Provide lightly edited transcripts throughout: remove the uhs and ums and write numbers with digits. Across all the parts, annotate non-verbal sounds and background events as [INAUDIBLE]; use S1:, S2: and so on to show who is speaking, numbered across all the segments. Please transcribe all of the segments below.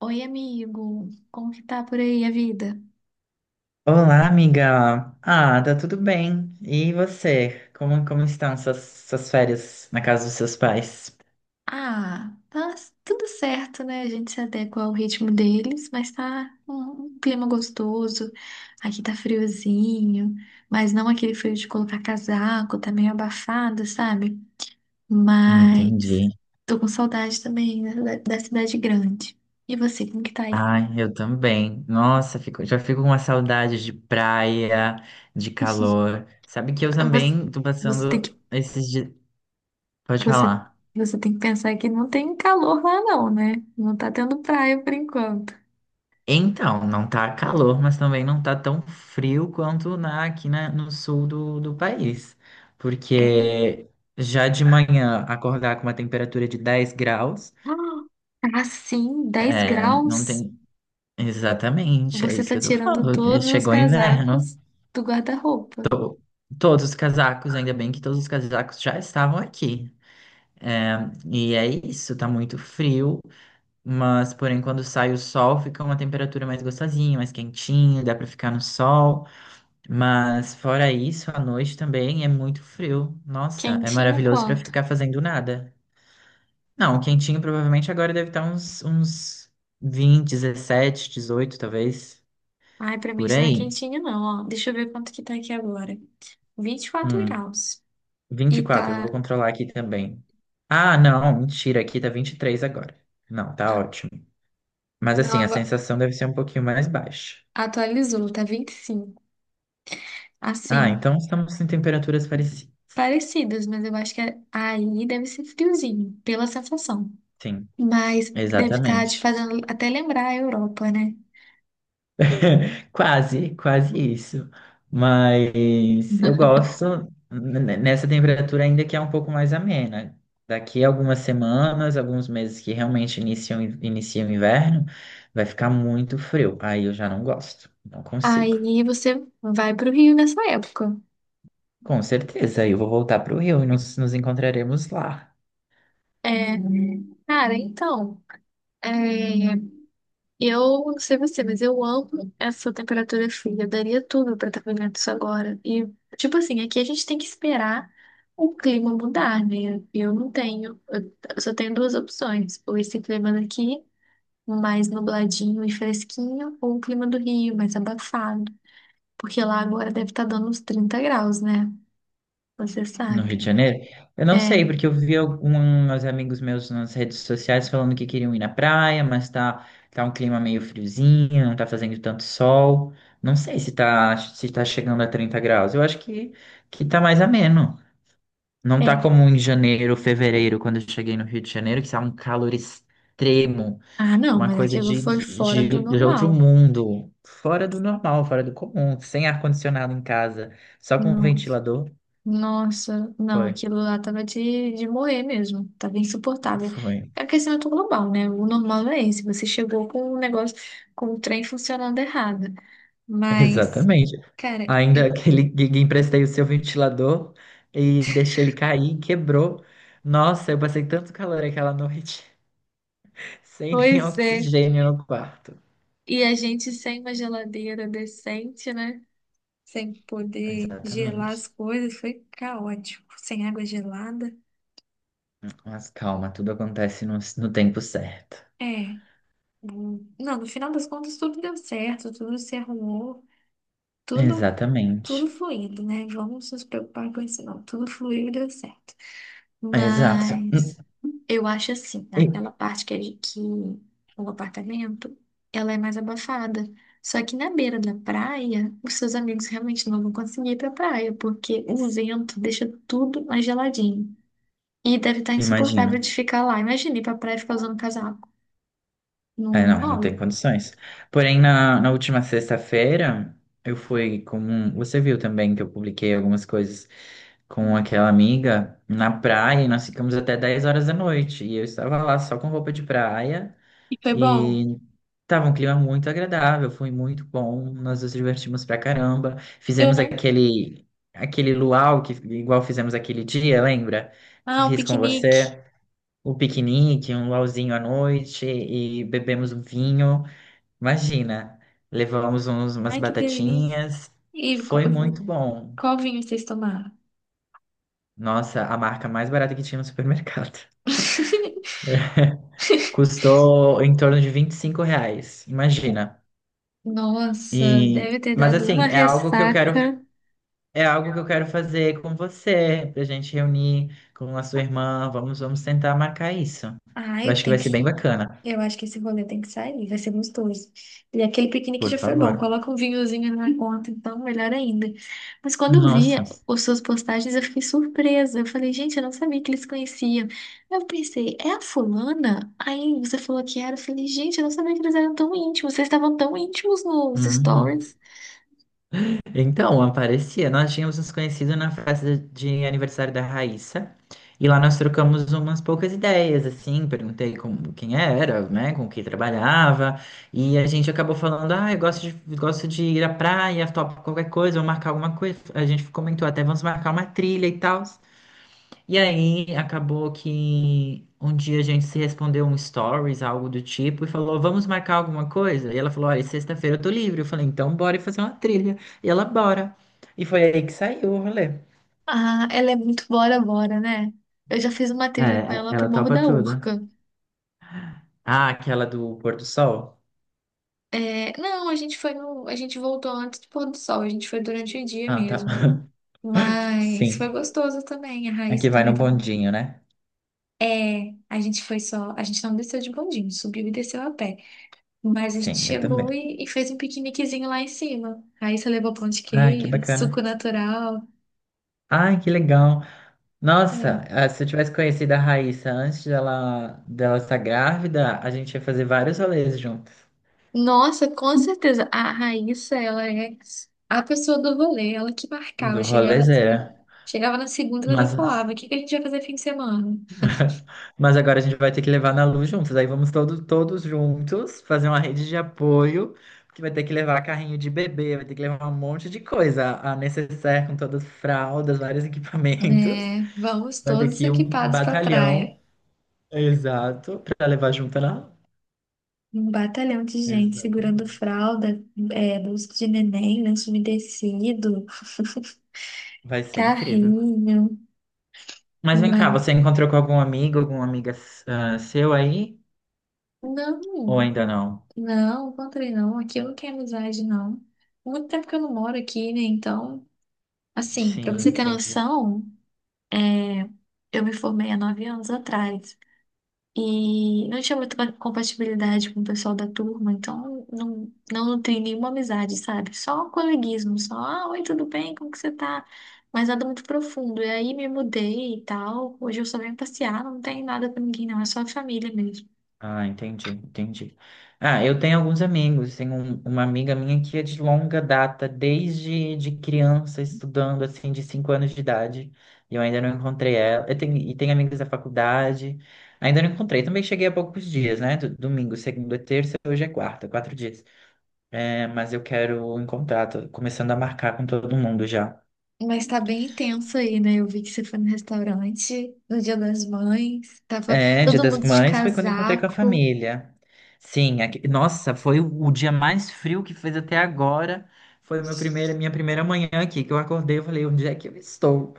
S1: Oi, amigo. Como que tá por aí a vida?
S2: Olá, amiga. Ah, tá tudo bem. E você? Como estão suas férias na casa dos seus pais?
S1: Ah, tá tudo certo, né? A gente se adequa ao ritmo deles, mas tá um clima gostoso. Aqui tá friozinho, mas não aquele frio de colocar casaco, tá meio abafado, sabe? Mas
S2: Entendi.
S1: tô com saudade também né, da cidade grande. E você, como que tá aí?
S2: Ai, eu também. Nossa, já fico com uma saudade de praia, de calor. Sabe que eu
S1: Você,
S2: também tô
S1: você tem
S2: passando
S1: que,
S2: esses dias. Pode
S1: você,
S2: falar.
S1: você tem que pensar que não tem calor lá não, né? Não tá tendo praia por enquanto.
S2: Então, não tá calor, mas também não tá tão frio quanto aqui no sul do país.
S1: É.
S2: Porque já de manhã acordar com uma temperatura de 10 graus.
S1: Ah, assim, 10
S2: É, não
S1: graus.
S2: tem. Exatamente, é
S1: Você
S2: isso
S1: tá
S2: que eu tô
S1: tirando
S2: falando.
S1: todos os
S2: Chegou o inverno.
S1: casacos do guarda-roupa.
S2: Todos os casacos, ainda bem que todos os casacos já estavam aqui. É, e é isso, tá muito frio, mas porém quando sai o sol fica uma temperatura mais gostosinha, mais quentinha, dá pra ficar no sol. Mas fora isso, à noite também é muito frio. Nossa, é
S1: Quentinho
S2: maravilhoso pra
S1: quanto?
S2: ficar fazendo nada. Não, quentinho provavelmente agora deve estar uns 20, 17, 18 talvez,
S1: Ai, pra mim
S2: por
S1: isso não é
S2: aí.
S1: quentinho, não, ó. Deixa eu ver quanto que tá aqui agora. Vinte e quatro
S2: Hum,
S1: graus. E
S2: 24, eu vou
S1: tá.
S2: controlar aqui também. Ah, não, mentira, aqui tá 23 agora. Não, tá
S1: Ah,
S2: ótimo. Mas
S1: não,
S2: assim, a
S1: agora
S2: sensação deve ser um pouquinho mais baixa.
S1: atualizou, tá 25.
S2: Ah,
S1: Assim,
S2: então estamos em temperaturas parecidas.
S1: parecidas, mas eu acho que aí deve ser friozinho, pela sensação.
S2: Sim,
S1: Mas deve estar te
S2: exatamente.
S1: fazendo até lembrar a Europa, né?
S2: [LAUGHS] Quase, quase isso. Mas eu
S1: [LAUGHS]
S2: gosto nessa temperatura ainda que é um pouco mais amena. Daqui a algumas semanas, alguns meses que realmente inicia o inverno, vai ficar muito frio. Aí eu já não gosto, não consigo.
S1: Aí você vai pro Rio nessa época.
S2: Com certeza, eu vou voltar para o Rio e nos encontraremos lá,
S1: É, cara, então, é, eu não sei você, mas eu amo essa temperatura fria. Eu daria tudo pra estar vivendo isso agora. E, tipo assim, aqui a gente tem que esperar o clima mudar, né? Eu não tenho, eu só tenho duas opções: ou esse clima daqui, mais nubladinho e fresquinho, ou o clima do Rio, mais abafado. Porque lá agora deve estar dando uns 30 graus, né? Você
S2: no Rio
S1: sabe.
S2: de Janeiro. Eu não
S1: É,
S2: sei, porque eu vi alguns amigos meus nas redes sociais falando que queriam ir na praia, mas tá um clima meio friozinho, não tá fazendo tanto sol. Não sei se tá chegando a 30 graus. Eu acho que tá mais ameno. Não tá
S1: é.
S2: como em janeiro, fevereiro, quando eu cheguei no Rio de Janeiro, que tá um calor extremo.
S1: Ah, não,
S2: Uma
S1: mas
S2: coisa
S1: aquilo
S2: de,
S1: foi fora do
S2: de, de outro
S1: normal.
S2: mundo, fora do normal, fora do comum, sem ar-condicionado em casa, só com um
S1: Não.
S2: ventilador.
S1: Nossa, não,
S2: Foi,
S1: aquilo lá tava de morrer mesmo, tava insuportável.
S2: foi,
S1: É um aquecimento global, né? O normal é esse, você chegou com o negócio, com o trem funcionando errado. Mas,
S2: exatamente.
S1: cara,
S2: Ainda aquele gig, emprestei o seu ventilador e deixei ele cair, quebrou. Nossa, eu passei tanto calor aquela noite, [LAUGHS] sem nem
S1: pois é.
S2: oxigênio no quarto.
S1: E a gente sem uma geladeira decente, né? Sem poder gelar
S2: Exatamente.
S1: as coisas, foi caótico. Sem água gelada.
S2: Mas calma, tudo acontece no tempo certo.
S1: É. Hum, não, no final das contas tudo deu certo, tudo se arrumou. tudo, tudo
S2: Exatamente.
S1: fluindo, né? Vamos nos preocupar com isso, não. Tudo fluiu e deu certo.
S2: Exato.
S1: Mas eu acho assim,
S2: E-
S1: aquela parte que o apartamento, ela é mais abafada. Só que na beira da praia, os seus amigos realmente não vão conseguir ir pra praia, porque o vento deixa tudo mais geladinho. E deve estar
S2: Imagino.
S1: insuportável de ficar lá. Imagina ir pra praia e ficar usando casaco.
S2: É,
S1: Não
S2: não, não tem
S1: rola.
S2: condições. Porém, na última sexta-feira, eu fui com. Você viu também que eu publiquei algumas coisas com aquela amiga na praia e nós ficamos até 10 horas da noite. E eu estava lá só com roupa de praia
S1: E foi bom.
S2: e tava um clima muito agradável, foi muito bom. Nós nos divertimos pra caramba.
S1: Eu
S2: Fizemos
S1: não.
S2: aquele luau que igual fizemos aquele dia, lembra? Que
S1: Ah, o
S2: fiz com
S1: piquenique.
S2: você o piquenique, um luauzinho à noite e bebemos um vinho. Imagina, levamos umas
S1: Ai, que delícia.
S2: batatinhas.
S1: E qual,
S2: Foi muito bom.
S1: qual vinho vocês tomaram?
S2: Nossa, a marca mais barata que tinha no supermercado. [LAUGHS]
S1: [LAUGHS]
S2: Custou em torno de R$ 25, imagina.
S1: Nossa,
S2: E,
S1: deve ter
S2: mas
S1: dado uma
S2: assim, é algo que eu quero,
S1: ressaca.
S2: é algo que eu quero fazer com você, pra gente reunir com a sua irmã. Vamos tentar marcar isso. Eu
S1: Ai,
S2: acho que
S1: tem
S2: vai
S1: que.
S2: ser bem bacana.
S1: Eu acho que esse rolê tem que sair, vai ser gostoso. E aquele piquenique
S2: Por
S1: já foi bom,
S2: favor.
S1: coloca um vinhozinho na conta, então melhor ainda. Mas quando eu vi
S2: Nossa.
S1: as suas postagens, eu fiquei surpresa. Eu falei, gente, eu não sabia que eles se conheciam. Eu pensei, é a fulana? Aí você falou que era. Eu falei, gente, eu não sabia que eles eram tão íntimos. Vocês estavam tão íntimos nos
S2: Uhum.
S1: stories.
S2: Então, aparecia. Nós tínhamos nos conhecido na festa de aniversário da Raíssa. E lá nós trocamos umas poucas ideias, assim, perguntei como, quem era, né, com quem trabalhava, e a gente acabou falando, ah, gosto de ir à praia, topo qualquer coisa, vou marcar alguma coisa. A gente comentou até, vamos marcar uma trilha e tal. E aí acabou que um dia a gente se respondeu um stories, algo do tipo, e falou, vamos marcar alguma coisa? E ela falou, olha, sexta-feira eu tô livre. Eu falei, então bora fazer uma trilha. E ela, bora. E foi aí que saiu o rolê.
S1: Ah, ela é muito bora bora, né? Eu já fiz uma trilha com
S2: É,
S1: ela pro
S2: ela
S1: Morro
S2: topa
S1: da
S2: tudo.
S1: Urca.
S2: Ah, aquela do pôr do sol?
S1: É, não, a gente foi no, a gente voltou antes do pôr do sol, a gente foi durante o dia
S2: Ah, tá.
S1: mesmo.
S2: [LAUGHS]
S1: Mas foi
S2: Sim.
S1: gostoso também, a
S2: Aqui
S1: Raíssa
S2: vai no
S1: também tava.
S2: bondinho, né?
S1: É, a gente foi só, a gente não desceu de bondinho, subiu e desceu a pé. Mas a gente
S2: Sim, eu também.
S1: chegou e fez um piqueniquezinho lá em cima. A Raíssa levou pão de
S2: Ai, que
S1: queijo, suco
S2: bacana.
S1: natural.
S2: Ai, que legal. Nossa,
S1: É.
S2: ah, se eu tivesse conhecido a Raíssa dela estar grávida, a gente ia fazer vários rolês juntos.
S1: Nossa, com certeza. A Raíssa, ela é a pessoa do rolê, ela que marcava,
S2: Do
S1: chegava assim,
S2: rolezeira.
S1: chegava na segunda, ela já
S2: Mas,
S1: falava, o que que a gente vai fazer fim de semana?
S2: [LAUGHS] mas agora a gente vai ter que levar na Lu juntos. Aí vamos todos juntos fazer uma rede de apoio, porque vai ter que levar carrinho de bebê, vai ter que levar um monte de coisa. A necessaire com todas as fraldas, vários [LAUGHS] equipamentos.
S1: É, vamos
S2: Vai ter
S1: todos
S2: que ir um
S1: equipados pra praia.
S2: batalhão, exato, para levar junto lá.
S1: Um batalhão de gente segurando
S2: Exatamente.
S1: fralda, é, bolsa de neném, lenço umedecido,
S2: Vai ser incrível.
S1: carrinho.
S2: Mas vem cá,
S1: Uma...
S2: você encontrou com algum amigo, alguma amiga ah, seu aí? Ou
S1: Não,
S2: ainda não?
S1: não, encontrei não. Aqui eu não quero amizade, não. Muito tempo que eu não moro aqui, né? Então, assim, pra
S2: Sim,
S1: você ter
S2: entendi.
S1: noção. Eu me formei há 9 anos atrás e não tinha muita compatibilidade com o pessoal da turma, então não nutri nenhuma amizade, sabe? Só um coleguismo, só, ah, oi, tudo bem? Como que você tá? Mas nada muito profundo. E aí me mudei e tal. Hoje eu só venho passear, não tem nada com ninguém, não, é só a família mesmo.
S2: Ah, entendi, entendi. Ah, eu tenho alguns amigos. Tenho uma amiga minha que é de longa data, desde de criança, estudando, assim, de 5 anos de idade. E eu ainda não encontrei ela. E tenho amigos da faculdade. Ainda não encontrei. Também cheguei há poucos dias, né? Domingo, segunda, terça, hoje é quarta, 4 dias. É, mas eu quero encontrar, tô começando a marcar com todo mundo já.
S1: Mas tá bem intenso aí, né? Eu vi que você foi no restaurante no Dia das Mães, tava
S2: É, Dia
S1: todo
S2: das
S1: mundo de
S2: Mães foi quando encontrei com a
S1: casaco.
S2: família. Sim, nossa, foi o dia mais frio que fez até agora. Foi minha primeira manhã aqui, que eu acordei e falei, onde é que eu estou?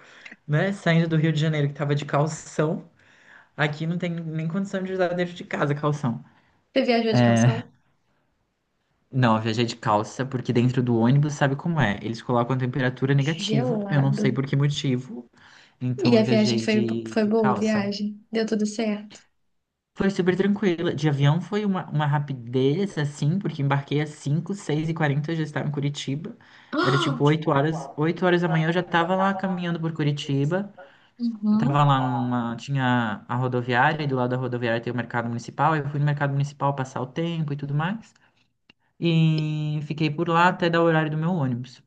S2: Né? Saindo do Rio de Janeiro, que tava de calção. Aqui não tem nem condição de usar dentro de casa calção.
S1: Você viajou de
S2: É,
S1: calção?
S2: não, eu viajei de calça, porque dentro do ônibus sabe como é. Eles colocam a temperatura negativa, eu não sei
S1: Gelado.
S2: por que motivo. Então
S1: E a
S2: eu viajei de,
S1: foi
S2: de
S1: boa, a
S2: calça.
S1: viagem? Deu tudo certo?
S2: Foi super tranquila. De avião foi uma rapidez, assim, porque embarquei às 5, 6:40 eu já estava em Curitiba. Era
S1: Ah!
S2: tipo 8 horas. 8 horas da manhã eu já estava lá caminhando por Curitiba. Eu tava
S1: Uhum.
S2: lá numa. Tinha a rodoviária, e do lado da rodoviária tem o mercado municipal. Eu fui no mercado municipal passar o tempo e tudo mais. E fiquei por lá até dar o horário do meu ônibus.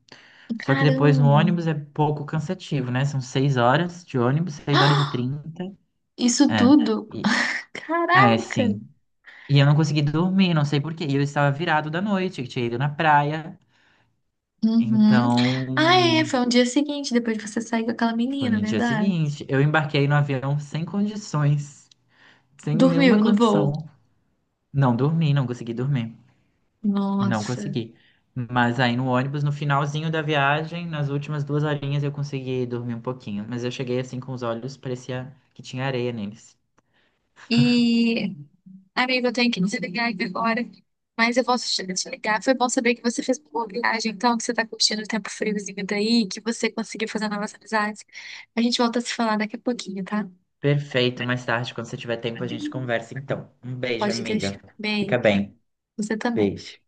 S2: Só que depois no
S1: Caramba!
S2: ônibus é pouco cansativo, né? São 6 horas de ônibus, 6h30.
S1: Isso
S2: É.
S1: tudo?
S2: E- É,
S1: Caraca!
S2: sim. E eu não consegui dormir, não sei por quê. E eu estava virado da noite, eu tinha ido na praia.
S1: Uhum. Ah, é,
S2: Então,
S1: foi um dia seguinte, depois de você sair com aquela
S2: foi
S1: menina,
S2: no dia
S1: verdade?
S2: seguinte. Eu embarquei no avião sem condições, sem nenhuma
S1: Dormiu no
S2: condição.
S1: voo.
S2: Não dormi, não consegui dormir. Não
S1: Nossa.
S2: consegui. Mas aí no ônibus, no finalzinho da viagem, nas últimas 2 horinhas, eu consegui dormir um pouquinho. Mas eu cheguei assim com os olhos, parecia que tinha areia neles.
S1: E amigo, eu tenho que desligar aqui agora, mas eu posso te ligar. Foi bom saber que você fez uma boa viagem, então, que você tá curtindo o tempo friozinho daí, que você conseguiu fazer novas amizades. A gente volta a se falar daqui a pouquinho, tá?
S2: Perfeito, mais tarde, quando você tiver tempo, a gente conversa então. Um beijo,
S1: Pode
S2: amiga.
S1: deixar.
S2: Fica
S1: Beijo.
S2: bem.
S1: Você também.
S2: Beijo.